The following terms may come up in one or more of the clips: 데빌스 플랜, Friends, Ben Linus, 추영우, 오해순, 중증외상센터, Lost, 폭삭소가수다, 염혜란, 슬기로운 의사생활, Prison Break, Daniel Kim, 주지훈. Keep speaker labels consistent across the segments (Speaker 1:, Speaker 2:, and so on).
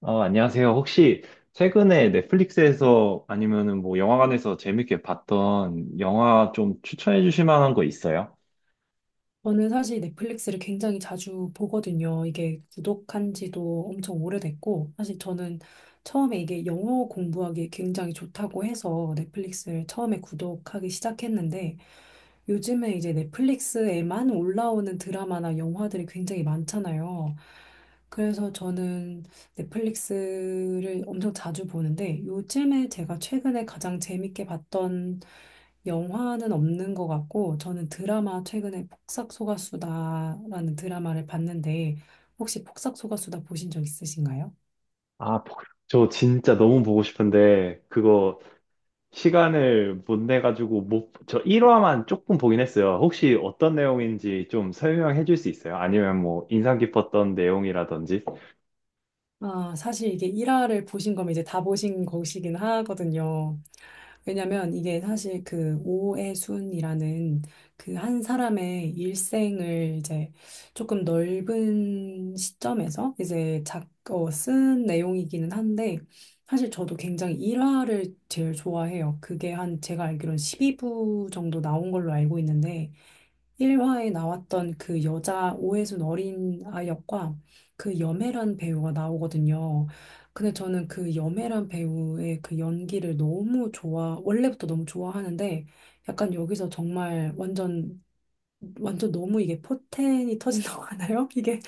Speaker 1: 안녕하세요. 혹시 최근에 넷플릭스에서 아니면은 뭐 영화관에서 재밌게 봤던 영화 좀 추천해 주실 만한 거 있어요?
Speaker 2: 저는 사실 넷플릭스를 굉장히 자주 보거든요. 이게 구독한 지도 엄청 오래됐고, 사실 저는 처음에 이게 영어 공부하기 굉장히 좋다고 해서 넷플릭스를 처음에 구독하기 시작했는데, 요즘에 이제 넷플릭스에만 올라오는 드라마나 영화들이 굉장히 많잖아요. 그래서 저는 넷플릭스를 엄청 자주 보는데 요즘에 제가 최근에 가장 재밌게 봤던 영화는 없는 것 같고 저는 드라마 최근에 폭삭소가수다라는 드라마를 봤는데 혹시 폭삭소가수다 보신 적 있으신가요?
Speaker 1: 아, 보- 저 진짜 너무 보고 싶은데 그거 시간을 못 내 가지고 못, 저 1화만 조금 보긴 했어요. 혹시 어떤 내용인지 좀 설명해 줄 수 있어요? 아니면 뭐 인상 깊었던 내용이라든지?
Speaker 2: 아, 사실 이게 1화를 보신 거면 이제 다 보신 것이긴 하거든요. 왜냐면 이게 사실 그 오해순이라는 그 한 사람의 일생을 이제 조금 넓은 시점에서 이제 쓴 내용이기는 한데 사실 저도 굉장히 일화를 제일 좋아해요. 그게 한 제가 알기로는 12부 정도 나온 걸로 알고 있는데 1화에 나왔던 그 여자 오해순 어린 아 역과 그 염혜란 배우가 나오거든요. 근데 저는 그 염혜란 배우의 그 연기를 원래부터 너무 좋아하는데 약간 여기서 정말 완전, 완전 너무 이게 포텐이 터진다고 하나요? 이게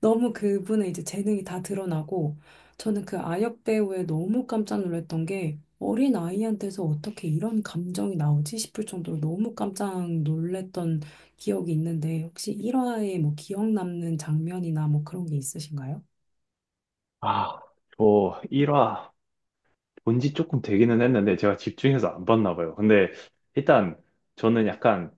Speaker 2: 너무 그분의 이제 재능이 다 드러나고 저는 그 아역 배우에 너무 깜짝 놀랐던 게 어린 아이한테서 어떻게 이런 감정이 나오지 싶을 정도로 너무 깜짝 놀랐던 기억이 있는데 혹시 1화에 뭐 기억 남는 장면이나 뭐 그런 게 있으신가요?
Speaker 1: 아, 저 1화 본지 조금 되기는 했는데 제가 집중해서 안 봤나 봐요. 근데 일단 저는 약간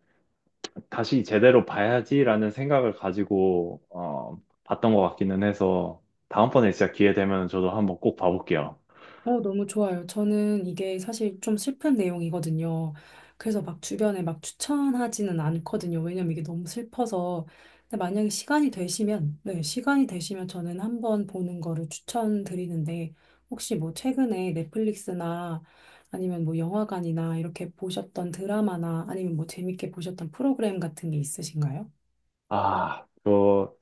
Speaker 1: 다시 제대로 봐야지라는 생각을 가지고 봤던 것 같기는 해서 다음번에 진짜 기회 되면 저도 한번 꼭 봐볼게요.
Speaker 2: 너무 좋아요. 저는 이게 사실 좀 슬픈 내용이거든요. 그래서 막 주변에 막 추천하지는 않거든요. 왜냐면 이게 너무 슬퍼서. 근데 만약에 시간이 되시면, 네, 시간이 되시면 저는 한번 보는 거를 추천드리는데, 혹시 뭐 최근에 넷플릭스나 아니면 뭐 영화관이나 이렇게 보셨던 드라마나 아니면 뭐 재밌게 보셨던 프로그램 같은 게 있으신가요?
Speaker 1: 아, 저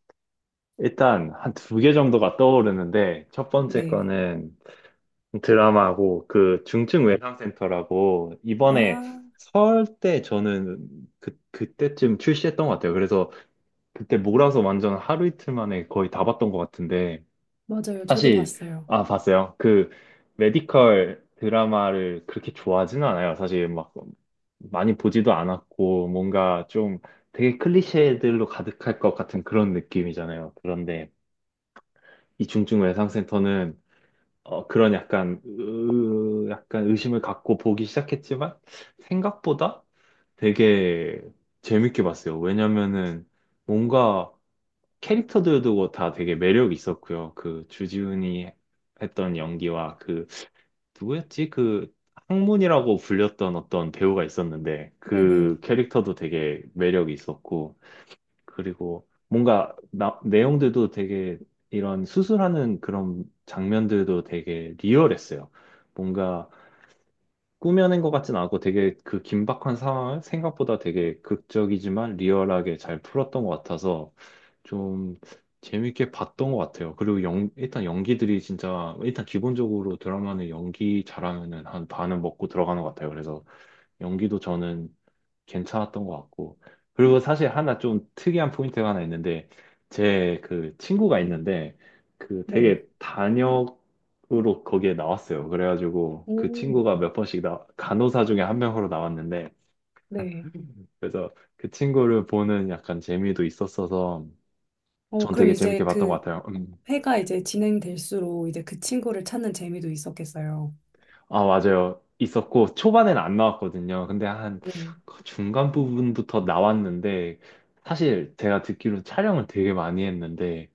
Speaker 1: 일단 한 두 개 정도가 떠오르는데 첫 번째
Speaker 2: 네.
Speaker 1: 거는 드라마고 그 중증외상센터라고 이번에
Speaker 2: 아,
Speaker 1: 설 때 저는 그때쯤 출시했던 것 같아요. 그래서 그때 몰아서 완전 하루 이틀 만에 거의 다 봤던 것 같은데
Speaker 2: 맞아요. 저도
Speaker 1: 사실
Speaker 2: 봤어요.
Speaker 1: 봤어요. 그 메디컬 드라마를 그렇게 좋아하지는 않아요. 사실 막 많이 보지도 않았고 뭔가 좀 되게 클리셰들로 가득할 것 같은 그런 느낌이잖아요. 그런데 이 중증외상센터는 그런 약간 의심을 갖고 보기 시작했지만 생각보다 되게 재밌게 봤어요. 왜냐면은 뭔가 캐릭터들도 뭐 다 되게 매력 있었고요. 그 주지훈이 했던 연기와 그 누구였지? 그 항문이라고 불렸던 어떤 배우가 있었는데 그
Speaker 2: 네네.
Speaker 1: 캐릭터도 되게 매력이 있었고 그리고 뭔가 내용들도 되게 이런 수술하는 그런 장면들도 되게 리얼했어요. 뭔가 꾸며낸 것 같진 않고 되게 그 긴박한 상황을 생각보다 되게 극적이지만 리얼하게 잘 풀었던 것 같아서 좀 재밌게 봤던 것 같아요. 그리고 일단 연기들이 진짜 일단 기본적으로 드라마는 연기 잘하면은 한 반은 먹고 들어가는 것 같아요. 그래서 연기도 저는 괜찮았던 것 같고. 그리고 사실 하나 좀 특이한 포인트가 하나 있는데, 제 그 친구가 있는데, 그
Speaker 2: 네.
Speaker 1: 되게 단역으로 거기에 나왔어요. 그래가지고 그
Speaker 2: 오,
Speaker 1: 친구가 몇 번씩 간호사 중에 한 명으로 나왔는데,
Speaker 2: 네.
Speaker 1: 그래서 그 친구를 보는 약간 재미도 있었어서, 전
Speaker 2: 그럼
Speaker 1: 되게 재밌게
Speaker 2: 이제
Speaker 1: 봤던 것
Speaker 2: 그
Speaker 1: 같아요. 음.
Speaker 2: 회가 이제 진행될수록 이제 그 친구를 찾는 재미도 있었겠어요.
Speaker 1: 아, 맞아요. 있었고, 초반에는 안 나왔거든요. 근데 한
Speaker 2: 네,
Speaker 1: 그 중간 부분부터 나왔는데, 사실 제가 듣기로 촬영을 되게 많이 했는데,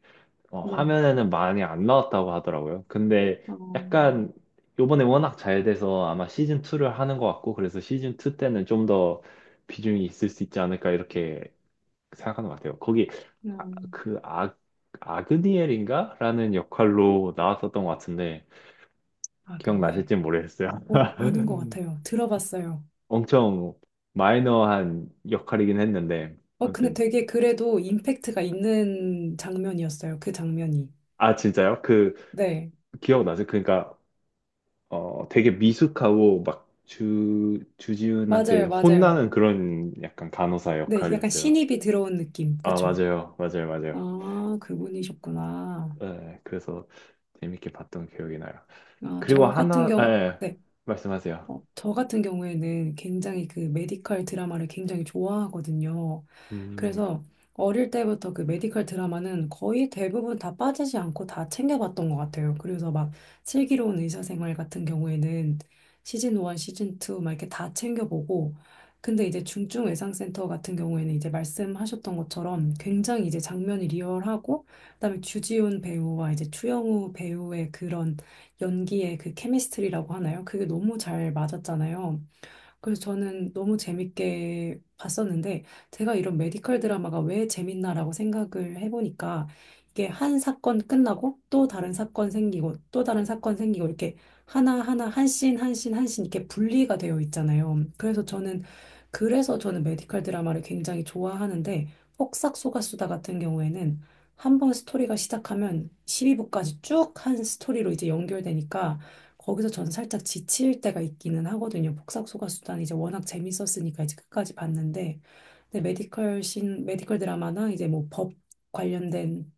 Speaker 2: 네.
Speaker 1: 화면에는 많이 안 나왔다고 하더라고요. 근데
Speaker 2: 어,
Speaker 1: 약간 요번에 워낙 잘 돼서 아마 시즌 2를 하는 것 같고 그래서 시즌 2 때는 좀 더 비중이 있을 수 있지 않을까 이렇게 생각하는 것 같아요. 거기 아,
Speaker 2: 음,
Speaker 1: 그 아, 아그니엘인가? 라는 역할로 나왔었던 것 같은데
Speaker 2: 아그니엘.
Speaker 1: 기억나실지 모르겠어요.
Speaker 2: 아는 것 같아요. 들어봤어요.
Speaker 1: 엄청 마이너한 역할이긴 했는데
Speaker 2: 근데
Speaker 1: 아무튼
Speaker 2: 되게 그래도 임팩트가 있는 장면이었어요. 그 장면이.
Speaker 1: 아 진짜요? 그
Speaker 2: 네,
Speaker 1: 기억나세요? 그러니까 되게 미숙하고 막 주지훈한테
Speaker 2: 맞아요, 맞아요.
Speaker 1: 혼나는 그런 약간 간호사
Speaker 2: 네, 약간
Speaker 1: 역할이었어요.
Speaker 2: 신입이 들어온 느낌.
Speaker 1: 아,
Speaker 2: 그쵸?
Speaker 1: 맞아요. 맞아요. 맞아요.
Speaker 2: 아, 그분이셨구나.
Speaker 1: 네, 그래서 재밌게 봤던 기억이 나요.
Speaker 2: 아,
Speaker 1: 그리고
Speaker 2: 저 같은 경우,
Speaker 1: 예,
Speaker 2: 네.
Speaker 1: 말씀하세요.
Speaker 2: 저 같은 경우에는 굉장히 그 메디컬 드라마를 굉장히 좋아하거든요.
Speaker 1: 음,
Speaker 2: 그래서 어릴 때부터 그 메디컬 드라마는 거의 대부분 다 빠지지 않고 다 챙겨봤던 것 같아요. 그래서 막 슬기로운 의사생활 같은 경우에는 시즌 1, 시즌 2 막 이렇게 다 챙겨보고 근데 이제 중증외상센터 같은 경우에는 이제 말씀하셨던 것처럼 굉장히 이제 장면이 리얼하고 그다음에 주지훈 배우와 이제 추영우 배우의 그런 연기의 그 케미스트리라고 하나요? 그게 너무 잘 맞았잖아요. 그래서 저는 너무 재밌게 봤었는데, 제가 이런 메디컬 드라마가 왜 재밌나라고 생각을 해보니까, 이게 한 사건 끝나고 또 다른 사건 생기고 또 다른 사건 생기고 이렇게 하나하나 한 씬, 한 씬, 한 씬 이렇게 분리가 되어 있잖아요. 그래서 저는 메디컬 드라마를 굉장히 좋아하는데, 폭삭소가수다 같은 경우에는 한번 스토리가 시작하면 12부까지 쭉 한 스토리로 이제 연결되니까, 거기서 전 살짝 지칠 때가 있기는 하거든요. 복사소가 수단 이제 워낙 재밌었으니까 이제 끝까지 봤는데 근데 메디컬 드라마나 이제 뭐 법 관련된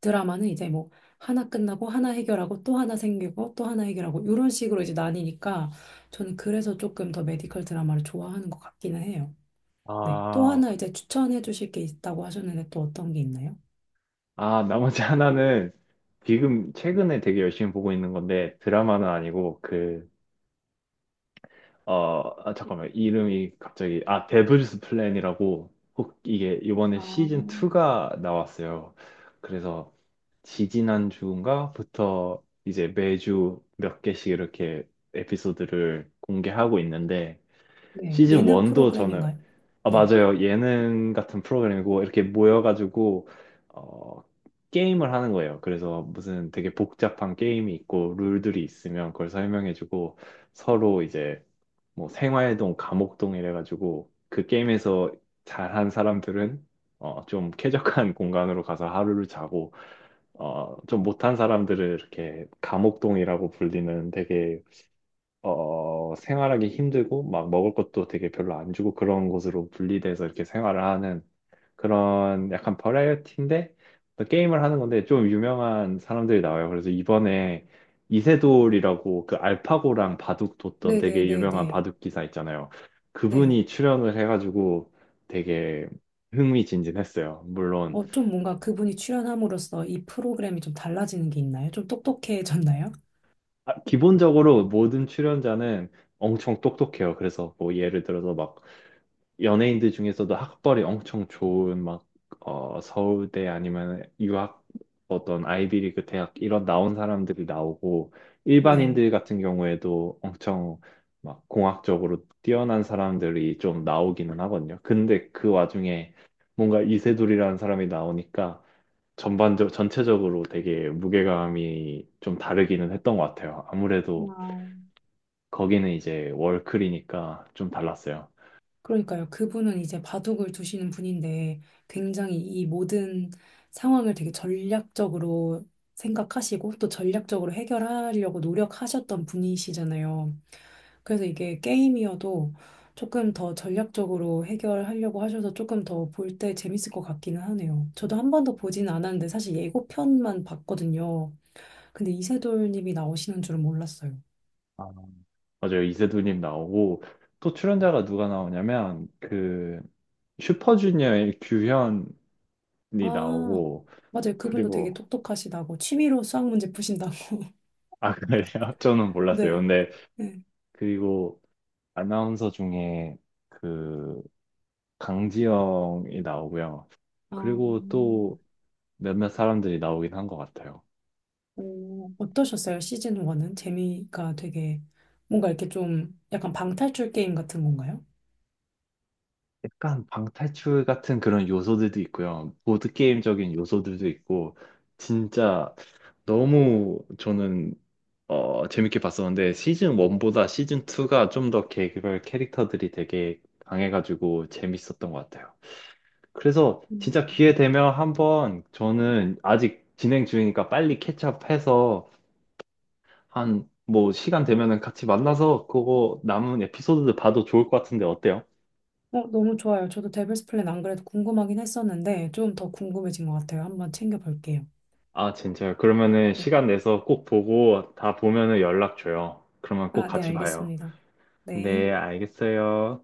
Speaker 2: 드라마는 이제 뭐 하나 끝나고 하나 해결하고 또 하나 생기고 또 하나 해결하고 이런 식으로 이제 나뉘니까 저는 그래서 조금 더 메디컬 드라마를 좋아하는 것 같기는 해요. 네. 또
Speaker 1: 아,
Speaker 2: 하나 이제 추천해 주실 게 있다고 하셨는데 또 어떤 게 있나요?
Speaker 1: 나머지 하나는 지금 최근에 되게 열심히 보고 있는 건데 드라마는 아니고 잠깐만, 이름이 갑자기, 아, 데블스 플랜이라고 혹 이게 이번에
Speaker 2: 아,
Speaker 1: 시즌 2가 나왔어요. 그래서 지지난주인가부터 이제 매주 몇 개씩 이렇게 에피소드를 공개하고 있는데
Speaker 2: 네.
Speaker 1: 시즌
Speaker 2: 예능
Speaker 1: 1도 저는
Speaker 2: 프로그램인가요?
Speaker 1: 아
Speaker 2: 네.
Speaker 1: 맞아요 예능 같은 프로그램이고 이렇게 모여가지고 어 게임을 하는 거예요. 그래서 무슨 되게 복잡한 게임이 있고 룰들이 있으면 그걸 설명해주고 서로 이제 뭐 생활동, 감옥동 이래가지고 그 게임에서 잘한 사람들은 좀 쾌적한 공간으로 가서 하루를 자고 좀 못한 사람들을 이렇게 감옥동이라고 불리는 되게 생활하기 힘들고 막 먹을 것도 되게 별로 안 주고 그런 곳으로 분리돼서 이렇게 생활을 하는 그런 약간 버라이어티인데 또 게임을 하는 건데 좀 유명한 사람들이 나와요. 그래서 이번에 이세돌이라고 그 알파고랑 바둑 뒀던 되게
Speaker 2: 네네네네.
Speaker 1: 유명한 바둑 기사 있잖아요.
Speaker 2: 네.
Speaker 1: 그분이 출연을 해가지고 되게 흥미진진했어요.
Speaker 2: 좀 뭔가 그분이 출연함으로써 이 프로그램이 좀 달라지는 게 있나요? 좀 똑똑해졌나요?
Speaker 1: 기본적으로 모든 출연자는 엄청 똑똑해요. 그래서 뭐 예를 들어서 막 연예인들 중에서도 학벌이 엄청 좋은 막 서울대 아니면 유학 어떤 아이비리그 대학 이런 나온 사람들이 나오고
Speaker 2: 네.
Speaker 1: 일반인들 같은 경우에도 엄청 막 공학적으로 뛰어난 사람들이 좀 나오기는 하거든요. 근데 그 와중에 뭔가 이세돌이라는 사람이 나오니까 전반적 전체적으로 되게 무게감이 좀 다르기는 했던 것 같아요. 아무래도
Speaker 2: 와,
Speaker 1: 거기는 이제 월클이니까 좀 달랐어요.
Speaker 2: 그러니까요. 그분은 이제 바둑을 두시는 분인데 굉장히 이 모든 상황을 되게 전략적으로 생각하시고 또 전략적으로 해결하려고 노력하셨던 분이시잖아요. 그래서 이게 게임이어도 조금 더 전략적으로 해결하려고 하셔서 조금 더 볼 때 재밌을 것 같기는 하네요. 저도 한 번도 보진 않았는데 사실 예고편만 봤거든요. 근데 이세돌님이 나오시는 줄은 몰랐어요.
Speaker 1: 아, 맞아요. 이세돌님 나오고 또 출연자가 누가 나오냐면 그 슈퍼주니어의 규현이
Speaker 2: 아,
Speaker 1: 나오고
Speaker 2: 맞아요. 그분도 되게
Speaker 1: 그리고
Speaker 2: 똑똑하시다고 취미로 수학 문제 푸신다고.
Speaker 1: 아 그래요? 저는 몰랐어요.
Speaker 2: 네.
Speaker 1: 근데
Speaker 2: 네.
Speaker 1: 그리고 아나운서 중에 그 강지영이 나오고요.
Speaker 2: 아,
Speaker 1: 그리고 또 몇몇 사람들이 나오긴 한 것 같아요.
Speaker 2: 어떠셨어요? 시즌 1은 재미가 되게 뭔가 이렇게 좀 약간 방탈출 게임 같은 건가요?
Speaker 1: 약간 방탈출 같은 그런 요소들도 있고요. 보드게임적인 요소들도 있고 진짜 너무 저는 재밌게 봤었는데 시즌 1보다 시즌 2가 좀 더 개별 캐릭터들이 되게 강해가지고 재밌었던 것 같아요. 그래서 진짜
Speaker 2: 음.
Speaker 1: 기회 되면 한번 저는 아직 진행 중이니까 빨리 캐치업해서 한 뭐 시간 되면은 같이 만나서 그거 남은 에피소드들 봐도 좋을 것 같은데 어때요?
Speaker 2: 너무 좋아요. 저도 데빌스 플랜 안 그래도 궁금하긴 했었는데 좀 더 궁금해진 것 같아요. 한번 챙겨볼게요.
Speaker 1: 아, 진짜요? 그러면은
Speaker 2: 네.
Speaker 1: 시간 내서 꼭 보고 다 보면은 연락 줘요. 그러면 꼭
Speaker 2: 아, 네,
Speaker 1: 같이 봐요.
Speaker 2: 알겠습니다. 네.
Speaker 1: 네, 알겠어요.